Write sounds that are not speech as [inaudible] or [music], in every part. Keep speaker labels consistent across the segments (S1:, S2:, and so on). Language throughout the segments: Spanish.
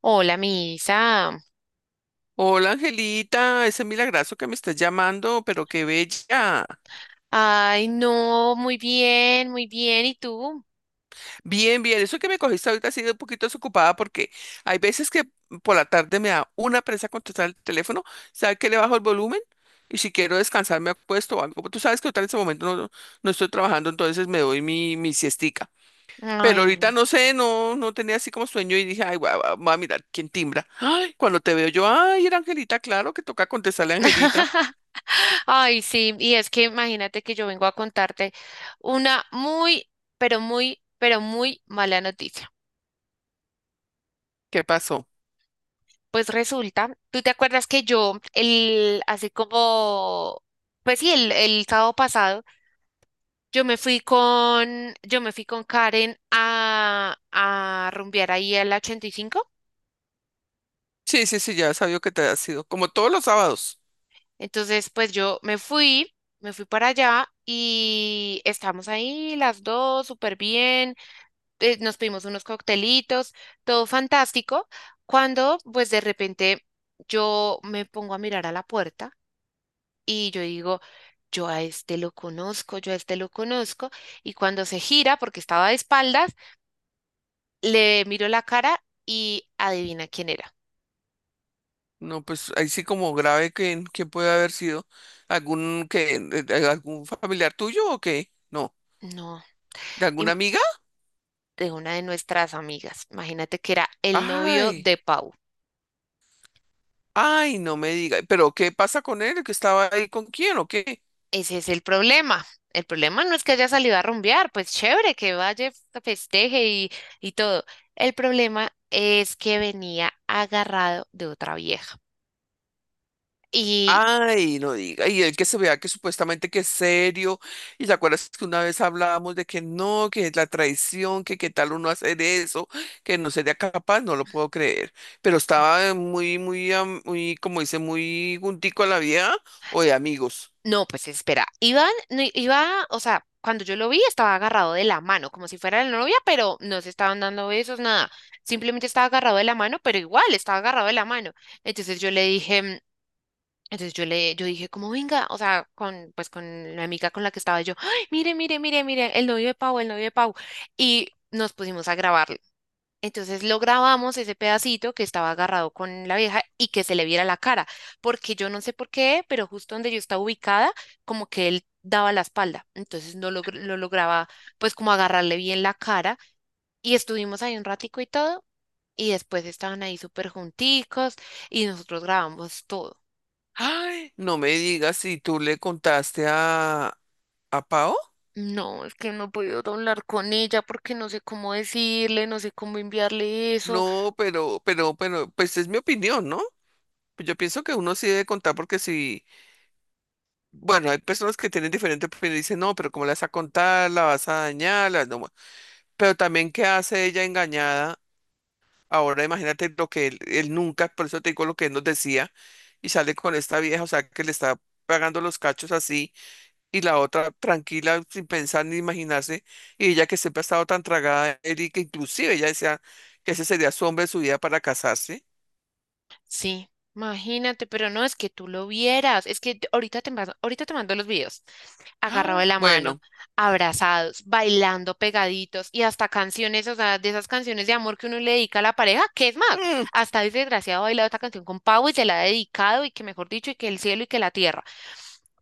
S1: Hola, Misa.
S2: Hola Angelita, ese milagrazo que me estás llamando, pero qué bella.
S1: Ay, no, muy bien, muy bien. ¿Y tú?
S2: Bien, bien, eso que me cogiste ahorita ha sido un poquito desocupada porque hay veces que por la tarde me da una presa contestar el teléfono, ¿sabes que le bajo el volumen? Y si quiero descansar me acuesto o algo. Tú sabes que ahorita en ese momento no estoy trabajando, entonces me doy mi siestica. Pero
S1: Ay, no.
S2: ahorita no sé, no, no tenía así como sueño y dije, ay, voy a mirar quién timbra. Ay, cuando te veo yo, ay, era Angelita, claro que toca contestarle a Angelita.
S1: [laughs] Ay, sí. Y es que imagínate que yo vengo a contarte una muy, pero muy, pero muy mala noticia.
S2: ¿Qué pasó?
S1: Pues resulta, ¿tú te acuerdas que yo, así como, pues sí, el sábado pasado, yo me fui con Karen a rumbear ahí al 85?
S2: Sí, sí, sí, ya sabía que te ha sido. Como todos los sábados.
S1: Entonces, pues yo me fui para allá y estamos ahí las dos súper bien, nos pedimos unos coctelitos, todo fantástico, cuando pues de repente yo me pongo a mirar a la puerta y yo digo, yo a este lo conozco, y cuando se gira, porque estaba de espaldas, le miro la cara y adivina quién era.
S2: No, pues ahí sí como grave que puede haber sido algún que algún familiar tuyo o qué. No,
S1: No,
S2: ¿de alguna
S1: im-
S2: amiga?
S1: de una de nuestras amigas. Imagínate que era el novio
S2: Ay,
S1: de Pau.
S2: ay, no me diga. ¿Pero qué pasa con él? ¿Que estaba ahí con quién o qué?
S1: Ese es el problema. El problema no es que haya salido a rumbear, pues chévere, que vaya, festeje y todo. El problema es que venía agarrado de otra vieja. Y
S2: Ay, no diga, y el que se vea que supuestamente que es serio, y te acuerdas que una vez hablábamos de que no, que es la traición, que qué tal uno hacer eso, que no sería capaz, no lo puedo creer, pero
S1: sí.
S2: estaba muy, muy, muy, como dice, muy juntico a la vieja o de amigos.
S1: No, pues espera, Iván, no, iba, o sea, cuando yo lo vi estaba agarrado de la mano, como si fuera la novia, pero no se estaban dando besos, nada. Simplemente estaba agarrado de la mano, pero igual estaba agarrado de la mano. Entonces yo le dije, Entonces yo le, yo dije, como venga, o sea, pues con la amiga con la que estaba yo, "Ay, mire, mire, mire, mire, el novio de Pau, el novio de Pau". Y nos pusimos a grabarlo. Entonces lo grabamos ese pedacito que estaba agarrado con la vieja y que se le viera la cara, porque yo no sé por qué, pero justo donde yo estaba ubicada, como que él daba la espalda. Entonces no lograba, pues como agarrarle bien la cara. Y estuvimos ahí un ratico y todo. Y después estaban ahí súper junticos y nosotros grabamos todo.
S2: Ay, no me digas si tú le contaste a Pao.
S1: No, es que no he podido hablar con ella porque no sé cómo decirle, no sé cómo enviarle eso.
S2: No, pues es mi opinión, ¿no? Pues yo pienso que uno sí debe contar porque si, bueno, hay personas que tienen diferente opinión y dicen, no, pero ¿cómo la vas a contar? ¿La vas a dañar? No. Pero también, ¿qué hace ella engañada? Ahora imagínate lo que él nunca, por eso te digo lo que él nos decía, y sale con esta vieja, o sea, que le está pagando los cachos así, y la otra tranquila, sin pensar ni imaginarse, y ella que siempre ha estado tan tragada, él y que inclusive ella decía que ese sería su hombre de su vida para casarse.
S1: Sí, imagínate, pero no es que tú lo vieras, es que ahorita te mando los videos. Agarrado de
S2: Ah,
S1: la mano,
S2: bueno,
S1: abrazados, bailando pegaditos y hasta canciones, o sea, de esas canciones de amor que uno le dedica a la pareja, que es más,
S2: mm,
S1: hasta ese desgraciado ha bailado esta canción con Pau y se la ha dedicado y que mejor dicho, y que el cielo y que la tierra.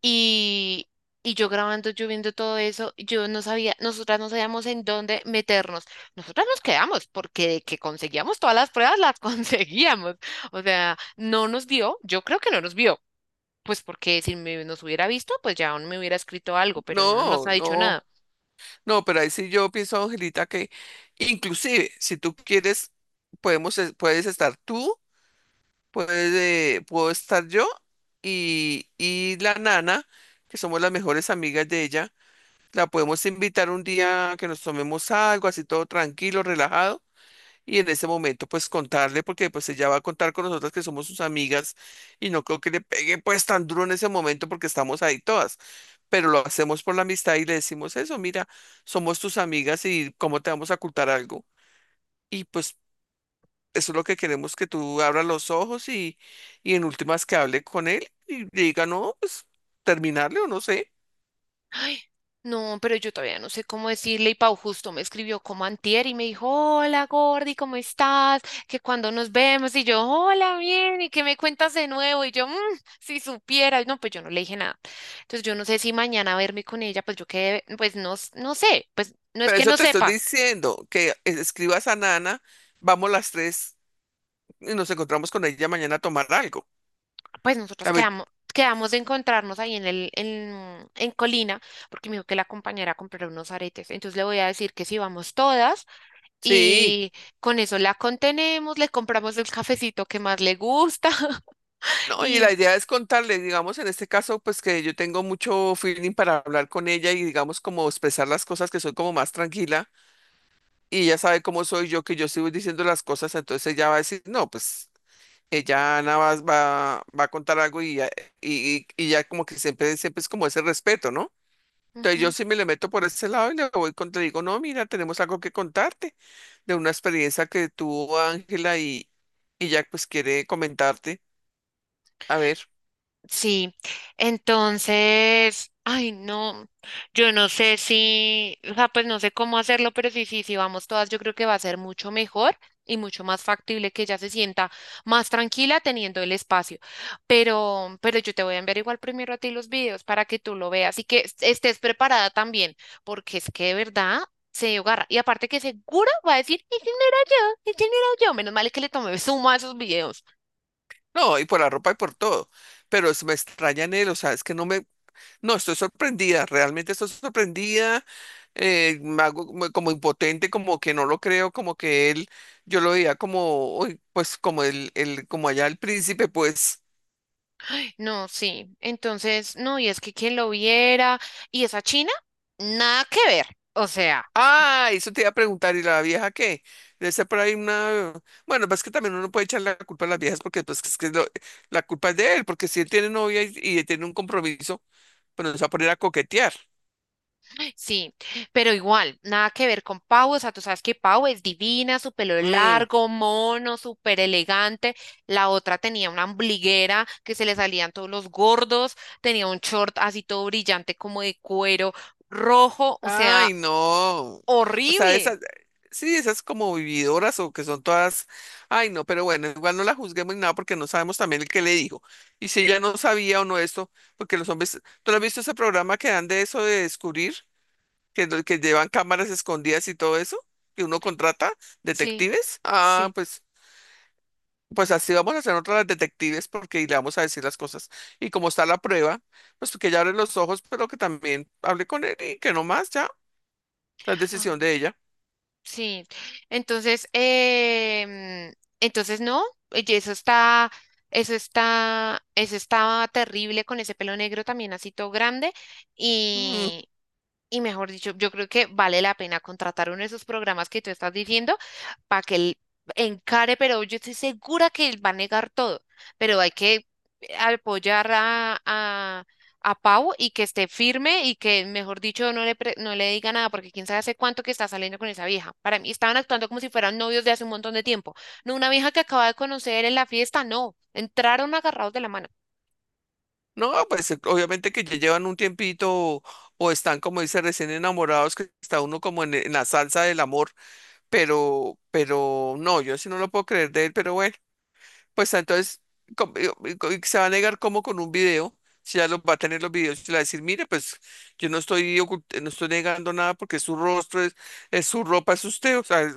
S1: Y, y yo grabando, yo viendo todo eso, yo no sabía, nosotras no sabíamos en dónde meternos. Nosotras nos quedamos porque de que conseguíamos todas las pruebas, las [laughs] conseguíamos. O sea, no nos vio, yo creo que no nos vio, pues porque si me- nos hubiera visto, pues ya aún me hubiera escrito algo, pero no nos
S2: no,
S1: ha dicho
S2: no,
S1: nada.
S2: no, pero ahí sí yo pienso, Angelita, que inclusive si tú quieres, podemos, puedes estar tú, puedes, puedo estar yo y la nana, que somos las mejores amigas de ella, la podemos invitar un día a que nos tomemos algo, así todo tranquilo, relajado, y en ese momento pues contarle, porque pues ella va a contar con nosotras que somos sus amigas y no creo que le pegue pues tan duro en ese momento porque estamos ahí todas. Pero lo hacemos por la amistad y le decimos eso, mira, somos tus amigas y cómo te vamos a ocultar algo. Y pues eso es lo que queremos que tú abras los ojos y en últimas que hable con él y le diga, no, pues terminarle o no sé.
S1: Ay, no, pero yo todavía no sé cómo decirle. Y Pau justo me escribió como antier y me dijo, hola Gordy, ¿cómo estás? Que cuando nos vemos y yo, hola, bien, y que me cuentas de nuevo. Y yo, "Mm, si supieras", no, pues yo no le dije nada. Entonces yo no sé si mañana verme con ella, pues yo quedé, pues no, no sé, pues no es
S2: Pero
S1: que
S2: eso
S1: no
S2: te estoy
S1: sepa,
S2: diciendo, que escribas a Nana, vamos las tres y nos encontramos con ella mañana a tomar algo.
S1: pues nosotros
S2: A ver,
S1: quedamos. Quedamos de encontrarnos ahí en Colina, porque me dijo que la compañera comprará unos aretes. Entonces le voy a decir que si vamos todas,
S2: sí.
S1: y con eso la contenemos, le compramos el cafecito que más le gusta. [laughs]
S2: No, y
S1: Y...
S2: la idea es contarle, digamos, en este caso, pues que yo tengo mucho feeling para hablar con ella y digamos como expresar las cosas que soy como más tranquila y ella sabe cómo soy yo, que yo sigo diciendo las cosas, entonces ella va a decir, no, pues ella Ana va a contar algo y ya, y ya como que siempre, siempre es como ese respeto, ¿no? Entonces yo
S1: ujú.
S2: sí me le meto por ese lado y le voy contra, le digo, no, mira, tenemos algo que contarte de una experiencia que tuvo Ángela y ya pues quiere comentarte, a ver,
S1: Sí, entonces, ay, no, yo no sé si, o sea, pues no sé cómo hacerlo, pero sí, sí, sí, vamos todas, yo creo que va a ser mucho mejor y mucho más factible que ella se sienta más tranquila teniendo el espacio. Pero yo te voy a enviar igual primero a ti los videos para que tú lo veas y que estés preparada también, porque es que de verdad se agarra. Y aparte que seguro va a decir, ese no era yo, ese no era yo. Menos mal es que le tomé suma a esos videos.
S2: no, y por la ropa y por todo, pero me extraña en él, o sea, es que no me, no, estoy sorprendida, realmente estoy sorprendida me hago como como impotente, como que no lo creo, como que él, yo lo veía como, uy, pues como como allá el príncipe, pues,
S1: No, sí. Entonces, no, y es que quien lo viera, y esa China, nada que ver. O sea,
S2: ah, eso te iba a preguntar, ¿y la vieja qué? Debe ser por ahí una, bueno, pues que también uno puede echar la culpa a las viejas porque pues es que la culpa es de él, porque si él tiene novia y tiene un compromiso, pues nos va a poner a coquetear.
S1: sí, pero igual, nada que ver con Pau. O sea, tú sabes que Pau es divina, su pelo
S2: Mm.
S1: largo, mono, súper elegante. La otra tenía una ombliguera que se le salían todos los gordos, tenía un short así todo brillante como de cuero rojo, o sea,
S2: Ay, no. O sea,
S1: horrible.
S2: esas, sí, esas como vividoras o que son todas, ay, no, pero bueno, igual no la juzguemos ni nada porque no sabemos también el que le dijo. Y si ella no sabía o no esto, porque los hombres, ¿tú no has visto ese programa que dan de eso de descubrir, que, que llevan cámaras escondidas y todo eso, que uno contrata
S1: Sí,
S2: detectives? Ah,
S1: sí.
S2: pues, pues así vamos a hacer otras detectives porque y le vamos a decir las cosas. Y como está la prueba, pues que ella abre los ojos, pero que también hable con él y que no más ya, la
S1: Ah,
S2: decisión de ella.
S1: sí, entonces, entonces no, y eso está, eso estaba terrible con ese pelo negro también así todo grande
S2: Mm.
S1: y mejor dicho, yo creo que vale la pena contratar uno de esos programas que tú estás diciendo para que él encare, pero yo estoy segura que él va a negar todo, pero hay que apoyar a Pau y que esté firme y que, mejor dicho, no le diga nada, porque quién sabe hace cuánto que está saliendo con esa vieja. Para mí estaban actuando como si fueran novios de hace un montón de tiempo. No una vieja que acaba de conocer en la fiesta, no, entraron agarrados de la mano.
S2: No, pues obviamente que ya llevan un tiempito o están, como dice, recién enamorados, que está uno como en la salsa del amor, pero no, yo sí no lo puedo creer de él, pero bueno. Pues entonces y se va a negar como con un video, si ya los va a tener los videos, y le va a decir, mire, pues yo no estoy no estoy negando nada porque es su rostro, es su ropa, es usted, o sea,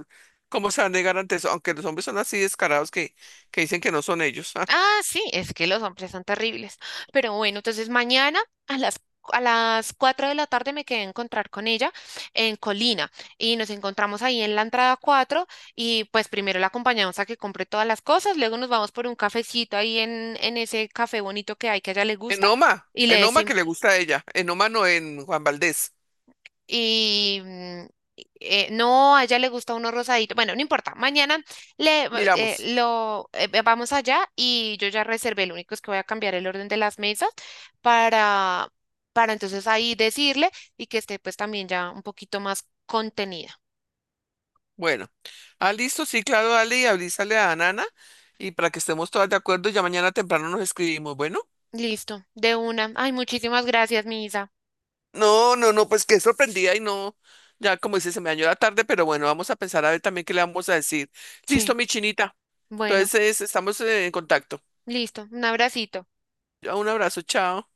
S2: ¿cómo se va a negar ante eso? Aunque los hombres son así descarados que dicen que no son ellos. [laughs] ah.
S1: Ah, sí, es que los hombres son terribles. Pero bueno, entonces mañana a las, a las 4 de la tarde me quedé a encontrar con ella en Colina y nos encontramos ahí en la entrada 4 y pues primero la acompañamos a que compre todas las cosas, luego nos vamos por un cafecito ahí en ese café bonito que hay que a ella le gusta y le
S2: En Oma que
S1: decimos,
S2: le gusta a ella, en Oma no en Juan Valdés.
S1: y mm, no, a ella le gusta uno rosadito. Bueno, no importa. Mañana
S2: Miramos.
S1: vamos allá y yo ya reservé. Lo único es que voy a cambiar el orden de las mesas para, para entonces ahí decirle y que esté pues también ya un poquito más contenida.
S2: Bueno, ah, listo, sí, claro, dale y avísale a Nana y para que estemos todas de acuerdo, ya mañana temprano nos escribimos. Bueno,
S1: Listo, de una. Ay, muchísimas gracias, mi Isa.
S2: no, no, no, pues qué sorprendida y no, ya como dice, se me dañó la tarde, pero bueno, vamos a pensar a ver también qué le vamos a decir.
S1: Sí,
S2: Listo, mi chinita.
S1: bueno,
S2: Entonces, estamos en contacto.
S1: listo. Un abracito.
S2: Un abrazo, chao.